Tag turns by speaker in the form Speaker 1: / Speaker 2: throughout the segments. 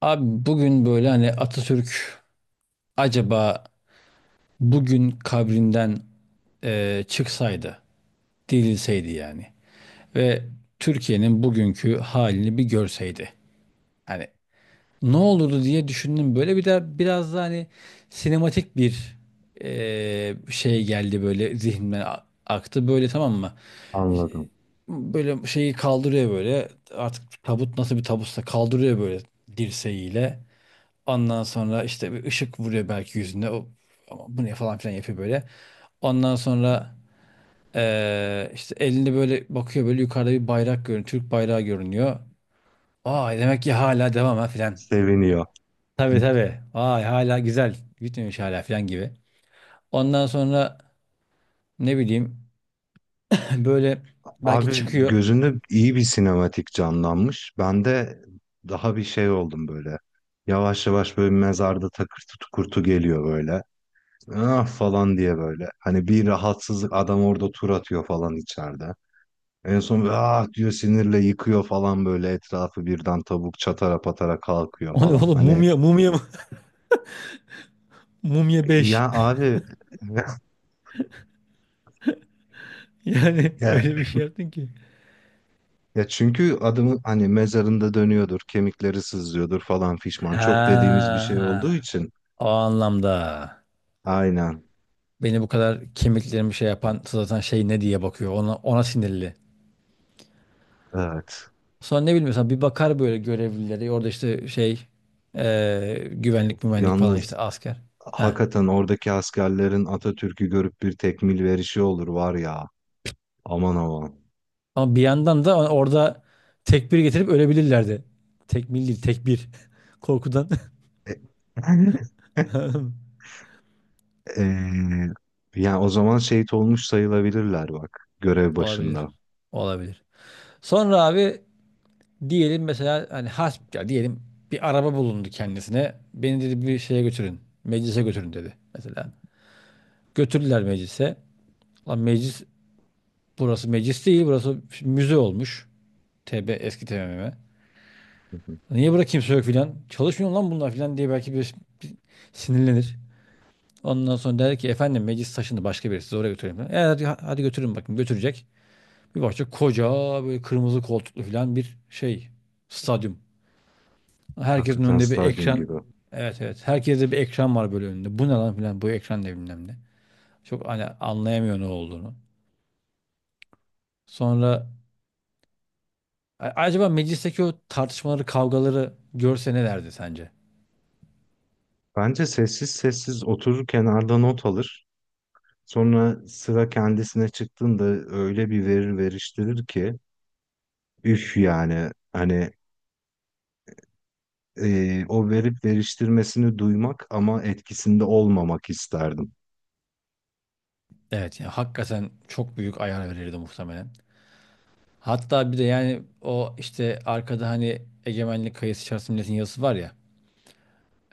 Speaker 1: Abi bugün böyle hani Atatürk acaba bugün kabrinden çıksaydı, dirilseydi yani ve Türkiye'nin bugünkü halini bir görseydi. Hani ne olurdu diye düşündüm. Böyle bir de biraz da hani sinematik bir şey geldi böyle zihnimden aktı. Böyle, tamam mı?
Speaker 2: Anladım.
Speaker 1: Böyle şeyi kaldırıyor böyle. Artık tabut nasıl bir tabutsa kaldırıyor böyle dirseğiyle. Ondan sonra işte bir ışık vuruyor belki yüzüne. O, ama bu ne falan filan yapıyor böyle. Ondan sonra işte elinde böyle bakıyor, böyle yukarıda bir bayrak görünüyor. Türk bayrağı görünüyor. Aa, demek ki hala devam ha filan.
Speaker 2: Seviniyor.
Speaker 1: Tabii, tabii. Vay, hala güzel. Bitmemiş hala filan gibi. Ondan sonra ne bileyim böyle belki
Speaker 2: Abi
Speaker 1: çıkıyor.
Speaker 2: gözünde iyi bir sinematik canlanmış. Ben de daha bir şey oldum böyle. Yavaş yavaş böyle mezarda takır kurtu geliyor böyle. Ah falan diye böyle. Hani bir rahatsızlık adam orada tur atıyor falan içeride. En son böyle ah diyor sinirle yıkıyor falan böyle etrafı birden tavuk çatara patara kalkıyor
Speaker 1: O ne
Speaker 2: falan.
Speaker 1: oğlum,
Speaker 2: Hani
Speaker 1: mumya mumya mı? Mumya
Speaker 2: ya
Speaker 1: beş.
Speaker 2: abi
Speaker 1: Yani
Speaker 2: ya
Speaker 1: öyle bir şey yaptın ki.
Speaker 2: ya çünkü adamın hani mezarında dönüyordur, kemikleri sızlıyordur falan fişman. Çok dediğimiz bir şey olduğu
Speaker 1: Ha,
Speaker 2: için.
Speaker 1: o anlamda.
Speaker 2: Aynen.
Speaker 1: Beni bu kadar, kemiklerimi şey yapan zaten şey ne diye bakıyor. Ona sinirli.
Speaker 2: Evet.
Speaker 1: Sonra ne bileyim bir bakar böyle görevlileri. Orada işte şey, güvenlik mümenlik falan, işte
Speaker 2: Yalnız
Speaker 1: asker. Ha.
Speaker 2: hakikaten oradaki askerlerin Atatürk'ü görüp bir tekmil verişi olur var ya. Aman aman.
Speaker 1: Ama bir yandan da orada tekbir getirip ölebilirlerdi. Tekmil değil, tekbir. Korkudan.
Speaker 2: E, Eee, yani o zaman şehit olmuş sayılabilirler bak görev
Speaker 1: Olabilir.
Speaker 2: başında.
Speaker 1: Olabilir. Sonra abi diyelim, mesela hani hasp ya, diyelim bir araba bulundu kendisine. Beni, dedi, bir şeye götürün. Meclise götürün, dedi mesela. Götürdüler meclise. Lan meclis, burası meclis değil, burası müze olmuş. Eski TBMM.
Speaker 2: Hı hı.
Speaker 1: Niye burada kimse yok filan? Çalışmıyor lan bunlar filan diye belki bir sinirlenir. Ondan sonra der ki efendim, meclis taşındı, başka birisi sizi oraya götüreyim. Hadi, hadi götürün, bakın götürecek. Bir bakacak, koca böyle kırmızı koltuklu filan bir şey, stadyum. Herkesin
Speaker 2: Hakikaten
Speaker 1: önünde bir
Speaker 2: stadyum
Speaker 1: ekran.
Speaker 2: gibi.
Speaker 1: Evet, evet, herkeste bir ekran var böyle önünde. Bu ne lan filan, bu ekran ne bilmem ne. Çok hani anlayamıyor ne olduğunu. Sonra, acaba meclisteki o tartışmaları, kavgaları görse ne derdi sence?
Speaker 2: Bence sessiz sessiz oturur kenarda not alır. Sonra sıra kendisine çıktığında öyle bir verir veriştirir ki üf yani hani o verip veriştirmesini duymak ama etkisinde olmamak isterdim.
Speaker 1: Evet, yani hakikaten çok büyük ayar verirdi muhtemelen. Hatta bir de yani o işte arkada hani egemenlik kayısı içerisinde milletin yazısı var ya.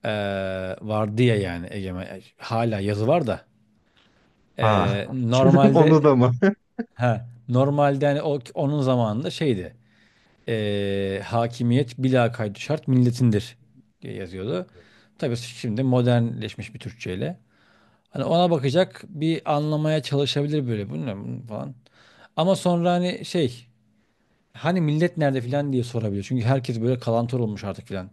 Speaker 1: Vardı ya, yani egemen hala yazı var da.
Speaker 2: Ha, onu
Speaker 1: Normalde,
Speaker 2: da mı?
Speaker 1: ha normalde hani o onun zamanında şeydi. Hakimiyet bila kaydı şart milletindir diye yazıyordu. Tabii şimdi modernleşmiş bir Türkçeyle. Hani ona bakacak, bir anlamaya çalışabilir böyle, bu ne bu falan. Ama sonra hani şey, hani millet nerede filan diye sorabilir. Çünkü herkes böyle kalantor olmuş artık filan.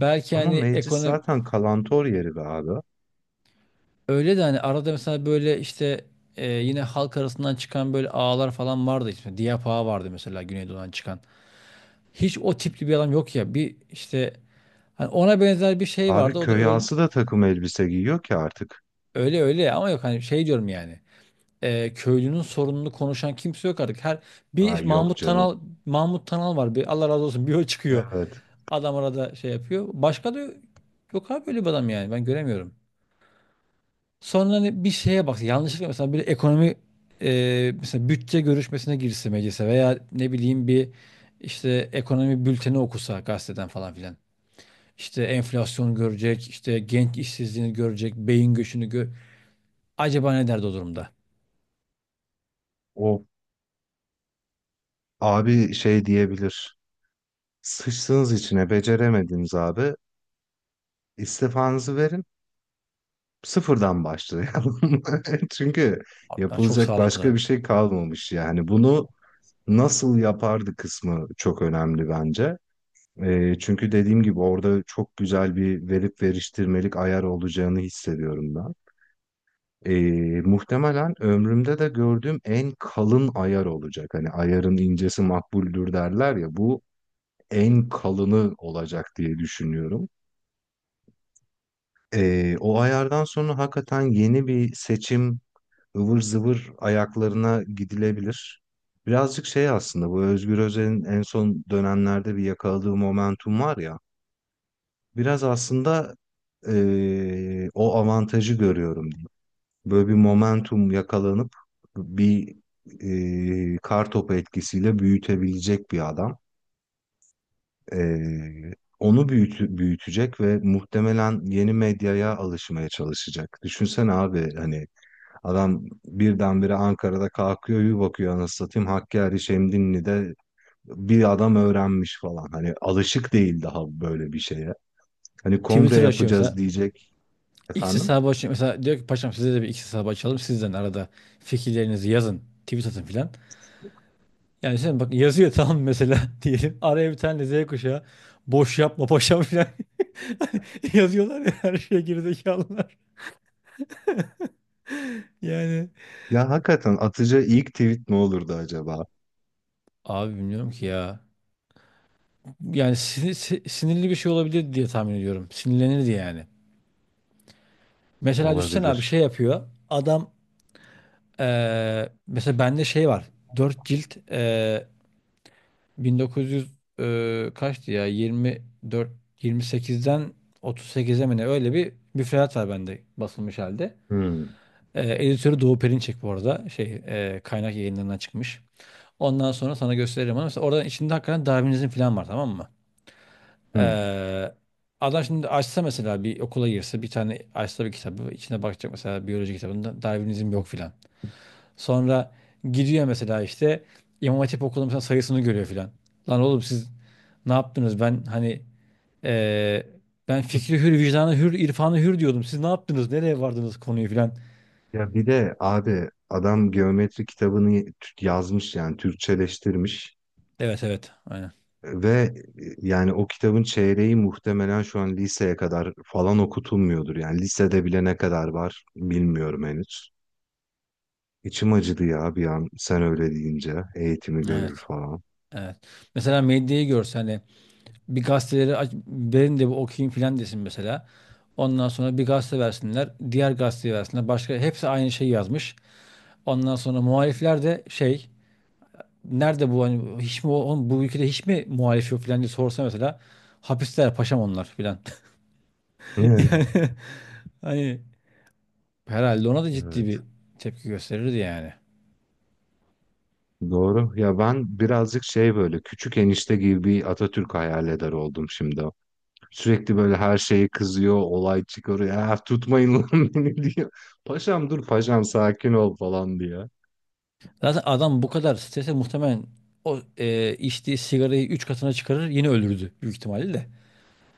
Speaker 2: Ama
Speaker 1: hani
Speaker 2: meclis
Speaker 1: ekonomi
Speaker 2: zaten kalantor yeri be abi.
Speaker 1: öyle de, hani arada mesela böyle işte yine halk arasından çıkan böyle ağalar falan vardı. İşte Diyap ağa vardı mesela, Güneydoğu'dan çıkan. Hiç o tipli bir adam yok ya. Bir işte hani ona benzer bir şey
Speaker 2: Abi
Speaker 1: vardı. O da
Speaker 2: köy ağası da takım elbise giyiyor ki artık.
Speaker 1: öyle, ama yok hani şey diyorum yani. Köylünün sorununu konuşan kimse yok artık. Her bir
Speaker 2: Ay yok canım.
Speaker 1: Mahmut Tanal var. Bir Allah razı olsun, bir o çıkıyor.
Speaker 2: Evet.
Speaker 1: Adam arada şey yapıyor. Başka da yok abi böyle bir adam yani. Ben göremiyorum. Sonra hani bir şeye bak. Yanlışlıkla mesela bir ekonomi, mesela bütçe görüşmesine girse meclise, veya ne bileyim bir işte ekonomi bülteni okusa gazeteden falan filan. İşte enflasyon görecek, işte genç işsizliğini görecek, beyin göçünü gör. Acaba ne derdi o durumda?
Speaker 2: O abi şey diyebilir. Sıçtığınız içine beceremediniz abi. İstifanızı verin. Sıfırdan başlayalım. Çünkü
Speaker 1: Abi ben, çok
Speaker 2: yapılacak
Speaker 1: sağlam
Speaker 2: başka bir
Speaker 1: kılardı.
Speaker 2: şey kalmamış yani. Bunu nasıl yapardı kısmı çok önemli bence. Çünkü dediğim gibi orada çok güzel bir verip veriştirmelik ayar olacağını hissediyorum ben. Muhtemelen ömrümde de gördüğüm en kalın ayar olacak. Hani ayarın incesi makbuldür derler ya bu en kalını olacak diye düşünüyorum. O ayardan sonra hakikaten yeni bir seçim ıvır zıvır ayaklarına gidilebilir. Birazcık şey aslında bu Özgür Özel'in en son dönemlerde bir yakaladığı momentum var ya. Biraz aslında o avantajı görüyorum diyeyim. Böyle bir momentum yakalanıp bir kar topu etkisiyle büyütebilecek bir adam. Onu büyütecek ve muhtemelen yeni medyaya alışmaya çalışacak. Düşünsene abi hani adam birdenbire Ankara'da kalkıyor bir bakıyor anasını satayım Hakkari Şemdinli'de bir adam öğrenmiş falan. Hani alışık değil daha böyle bir şeye. Hani kongre
Speaker 1: Twitter açıyor
Speaker 2: yapacağız
Speaker 1: mesela.
Speaker 2: diyecek
Speaker 1: X
Speaker 2: efendim.
Speaker 1: hesabı açın. Mesela diyor ki, paşam size de bir X hesabı açalım. Sizden arada fikirlerinizi yazın. Tweet atın filan. Yani sen bak, yazıyor, tamam mesela, diyelim. Araya bir tane Z kuşağı, boş yapma paşam filan. Yazıyorlar ya her şeye, gerizekalılar. Yani
Speaker 2: Ya hakikaten atıcı ilk tweet ne olurdu acaba?
Speaker 1: abi bilmiyorum ki ya. Yani sinirli bir şey olabilir diye tahmin ediyorum. Sinirlenirdi yani. Mesela düşsene abi, şey
Speaker 2: Olabilir.
Speaker 1: yapıyor adam. Mesela bende şey var. Dört cilt 1900, kaçtı ya? 24, 28'den 38'e mi ne? Öyle bir müfredat var bende, basılmış halde.
Speaker 2: Hmm,
Speaker 1: Editörü Doğu Perinçek bu arada. Şey, kaynak yayınlarından çıkmış. Ondan sonra sana gösteririm, ama mesela oradan, içinde hakikaten Darwinizm falan var, tamam mı?
Speaker 2: hmm.
Speaker 1: E, adam şimdi açsa mesela, bir okula girse, bir tane açsa, bir kitabı içine bakacak, mesela biyoloji kitabında Darwinizm yok filan. Sonra gidiyor mesela, işte İmam Hatip okulunun mesela sayısını görüyor filan. Lan oğlum, siz ne yaptınız? Eee, ben fikri hür, vicdanı hür, irfanı hür diyordum. Siz ne yaptınız? Nereye vardınız konuyu filan?
Speaker 2: Ya bir de abi adam geometri kitabını yazmış yani Türkçeleştirmiş.
Speaker 1: Evet, evet, aynen.
Speaker 2: Ve yani o kitabın çeyreği muhtemelen şu an liseye kadar falan okutulmuyordur. Yani lisede bile ne kadar var bilmiyorum henüz. İçim acıdı ya bir an sen öyle deyince eğitimi görür
Speaker 1: Evet.
Speaker 2: falan.
Speaker 1: Evet. Mesela medyayı görse, hani bir gazeteleri aç, verin de bir okuyayım filan desin mesela. Ondan sonra bir gazete versinler, diğer gazeteyi versinler. Başka, hepsi aynı şeyi yazmış. Ondan sonra muhalifler de şey, nerede bu, hani hiç mi oğlum bu ülkede hiç mi muhalif yok falan diye sorsa mesela, hapisteler paşam onlar filan.
Speaker 2: Ne?
Speaker 1: Yani hani herhalde ona da ciddi
Speaker 2: Evet.
Speaker 1: bir tepki gösterirdi yani.
Speaker 2: Doğru. Ya ben birazcık şey böyle küçük enişte gibi bir Atatürk hayal eder oldum şimdi. Sürekli böyle her şeye kızıyor, olay çıkarıyor. Ya tutmayın lan beni diyor. Paşam dur paşam sakin ol falan diye.
Speaker 1: Zaten adam bu kadar strese muhtemelen o içtiği sigarayı 3 katına çıkarır, yine öldürdü büyük ihtimalle de.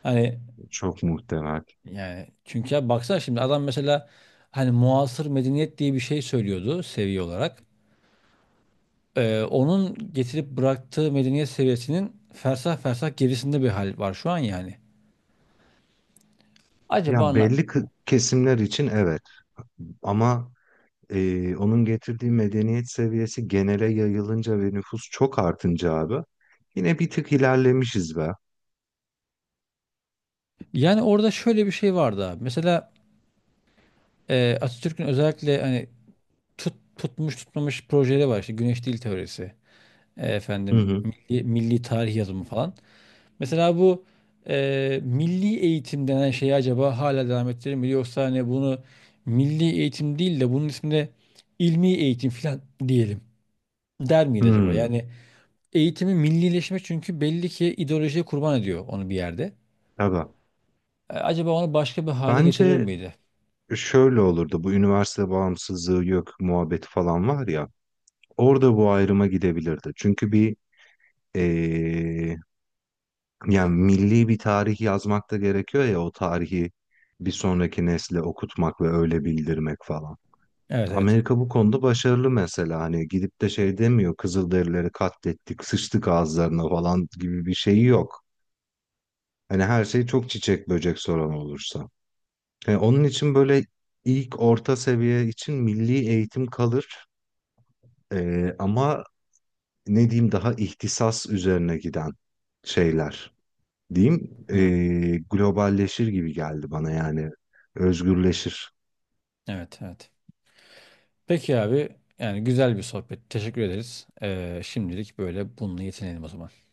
Speaker 1: Hani
Speaker 2: Çok muhtemel.
Speaker 1: yani, çünkü ya baksana şimdi adam, mesela hani muasır medeniyet diye bir şey söylüyordu seviye olarak. Onun getirip bıraktığı medeniyet seviyesinin fersah fersah gerisinde bir hal var şu an yani. Acaba
Speaker 2: Ya
Speaker 1: anla...
Speaker 2: belli kesimler için evet ama onun getirdiği medeniyet seviyesi genele yayılınca ve nüfus çok artınca abi yine bir tık ilerlemişiz be.
Speaker 1: Yani orada şöyle bir şey vardı abi. Mesela Atatürk'ün özellikle hani tutmuş tutmamış projeleri var. İşte güneş dil teorisi.
Speaker 2: Hı
Speaker 1: Efendim
Speaker 2: hı.
Speaker 1: milli tarih yazımı falan. Mesela bu milli eğitim denen şeyi acaba hala devam ettirir mi? Yoksa hani bunu milli eğitim değil de bunun ismine ilmi eğitim falan diyelim. Der miydi acaba?
Speaker 2: Hmm,
Speaker 1: Yani eğitimi millileşme, çünkü belli ki ideolojiye kurban ediyor onu bir yerde.
Speaker 2: tabii.
Speaker 1: Acaba onu başka bir hale getirir
Speaker 2: Bence
Speaker 1: miydi?
Speaker 2: şöyle olurdu bu üniversite bağımsızlığı yok muhabbeti falan var ya orada bu ayrıma gidebilirdi. Çünkü bir e, yani milli bir tarih yazmak da gerekiyor ya o tarihi bir sonraki nesle okutmak ve öyle bildirmek falan.
Speaker 1: Evet, evet.
Speaker 2: Amerika bu konuda başarılı mesela hani gidip de şey demiyor Kızılderilileri katlettik sıçtık ağızlarına falan gibi bir şeyi yok. Hani her şey çok çiçek böcek soran olursa. Yani onun için böyle ilk orta seviye için milli eğitim kalır. Ama ne diyeyim daha ihtisas üzerine giden şeyler diyeyim,
Speaker 1: Hı.
Speaker 2: globalleşir gibi geldi bana yani, özgürleşir.
Speaker 1: Evet, evet. Peki abi, yani güzel bir sohbet. Teşekkür ederiz. Şimdilik böyle bununla yetinelim o zaman.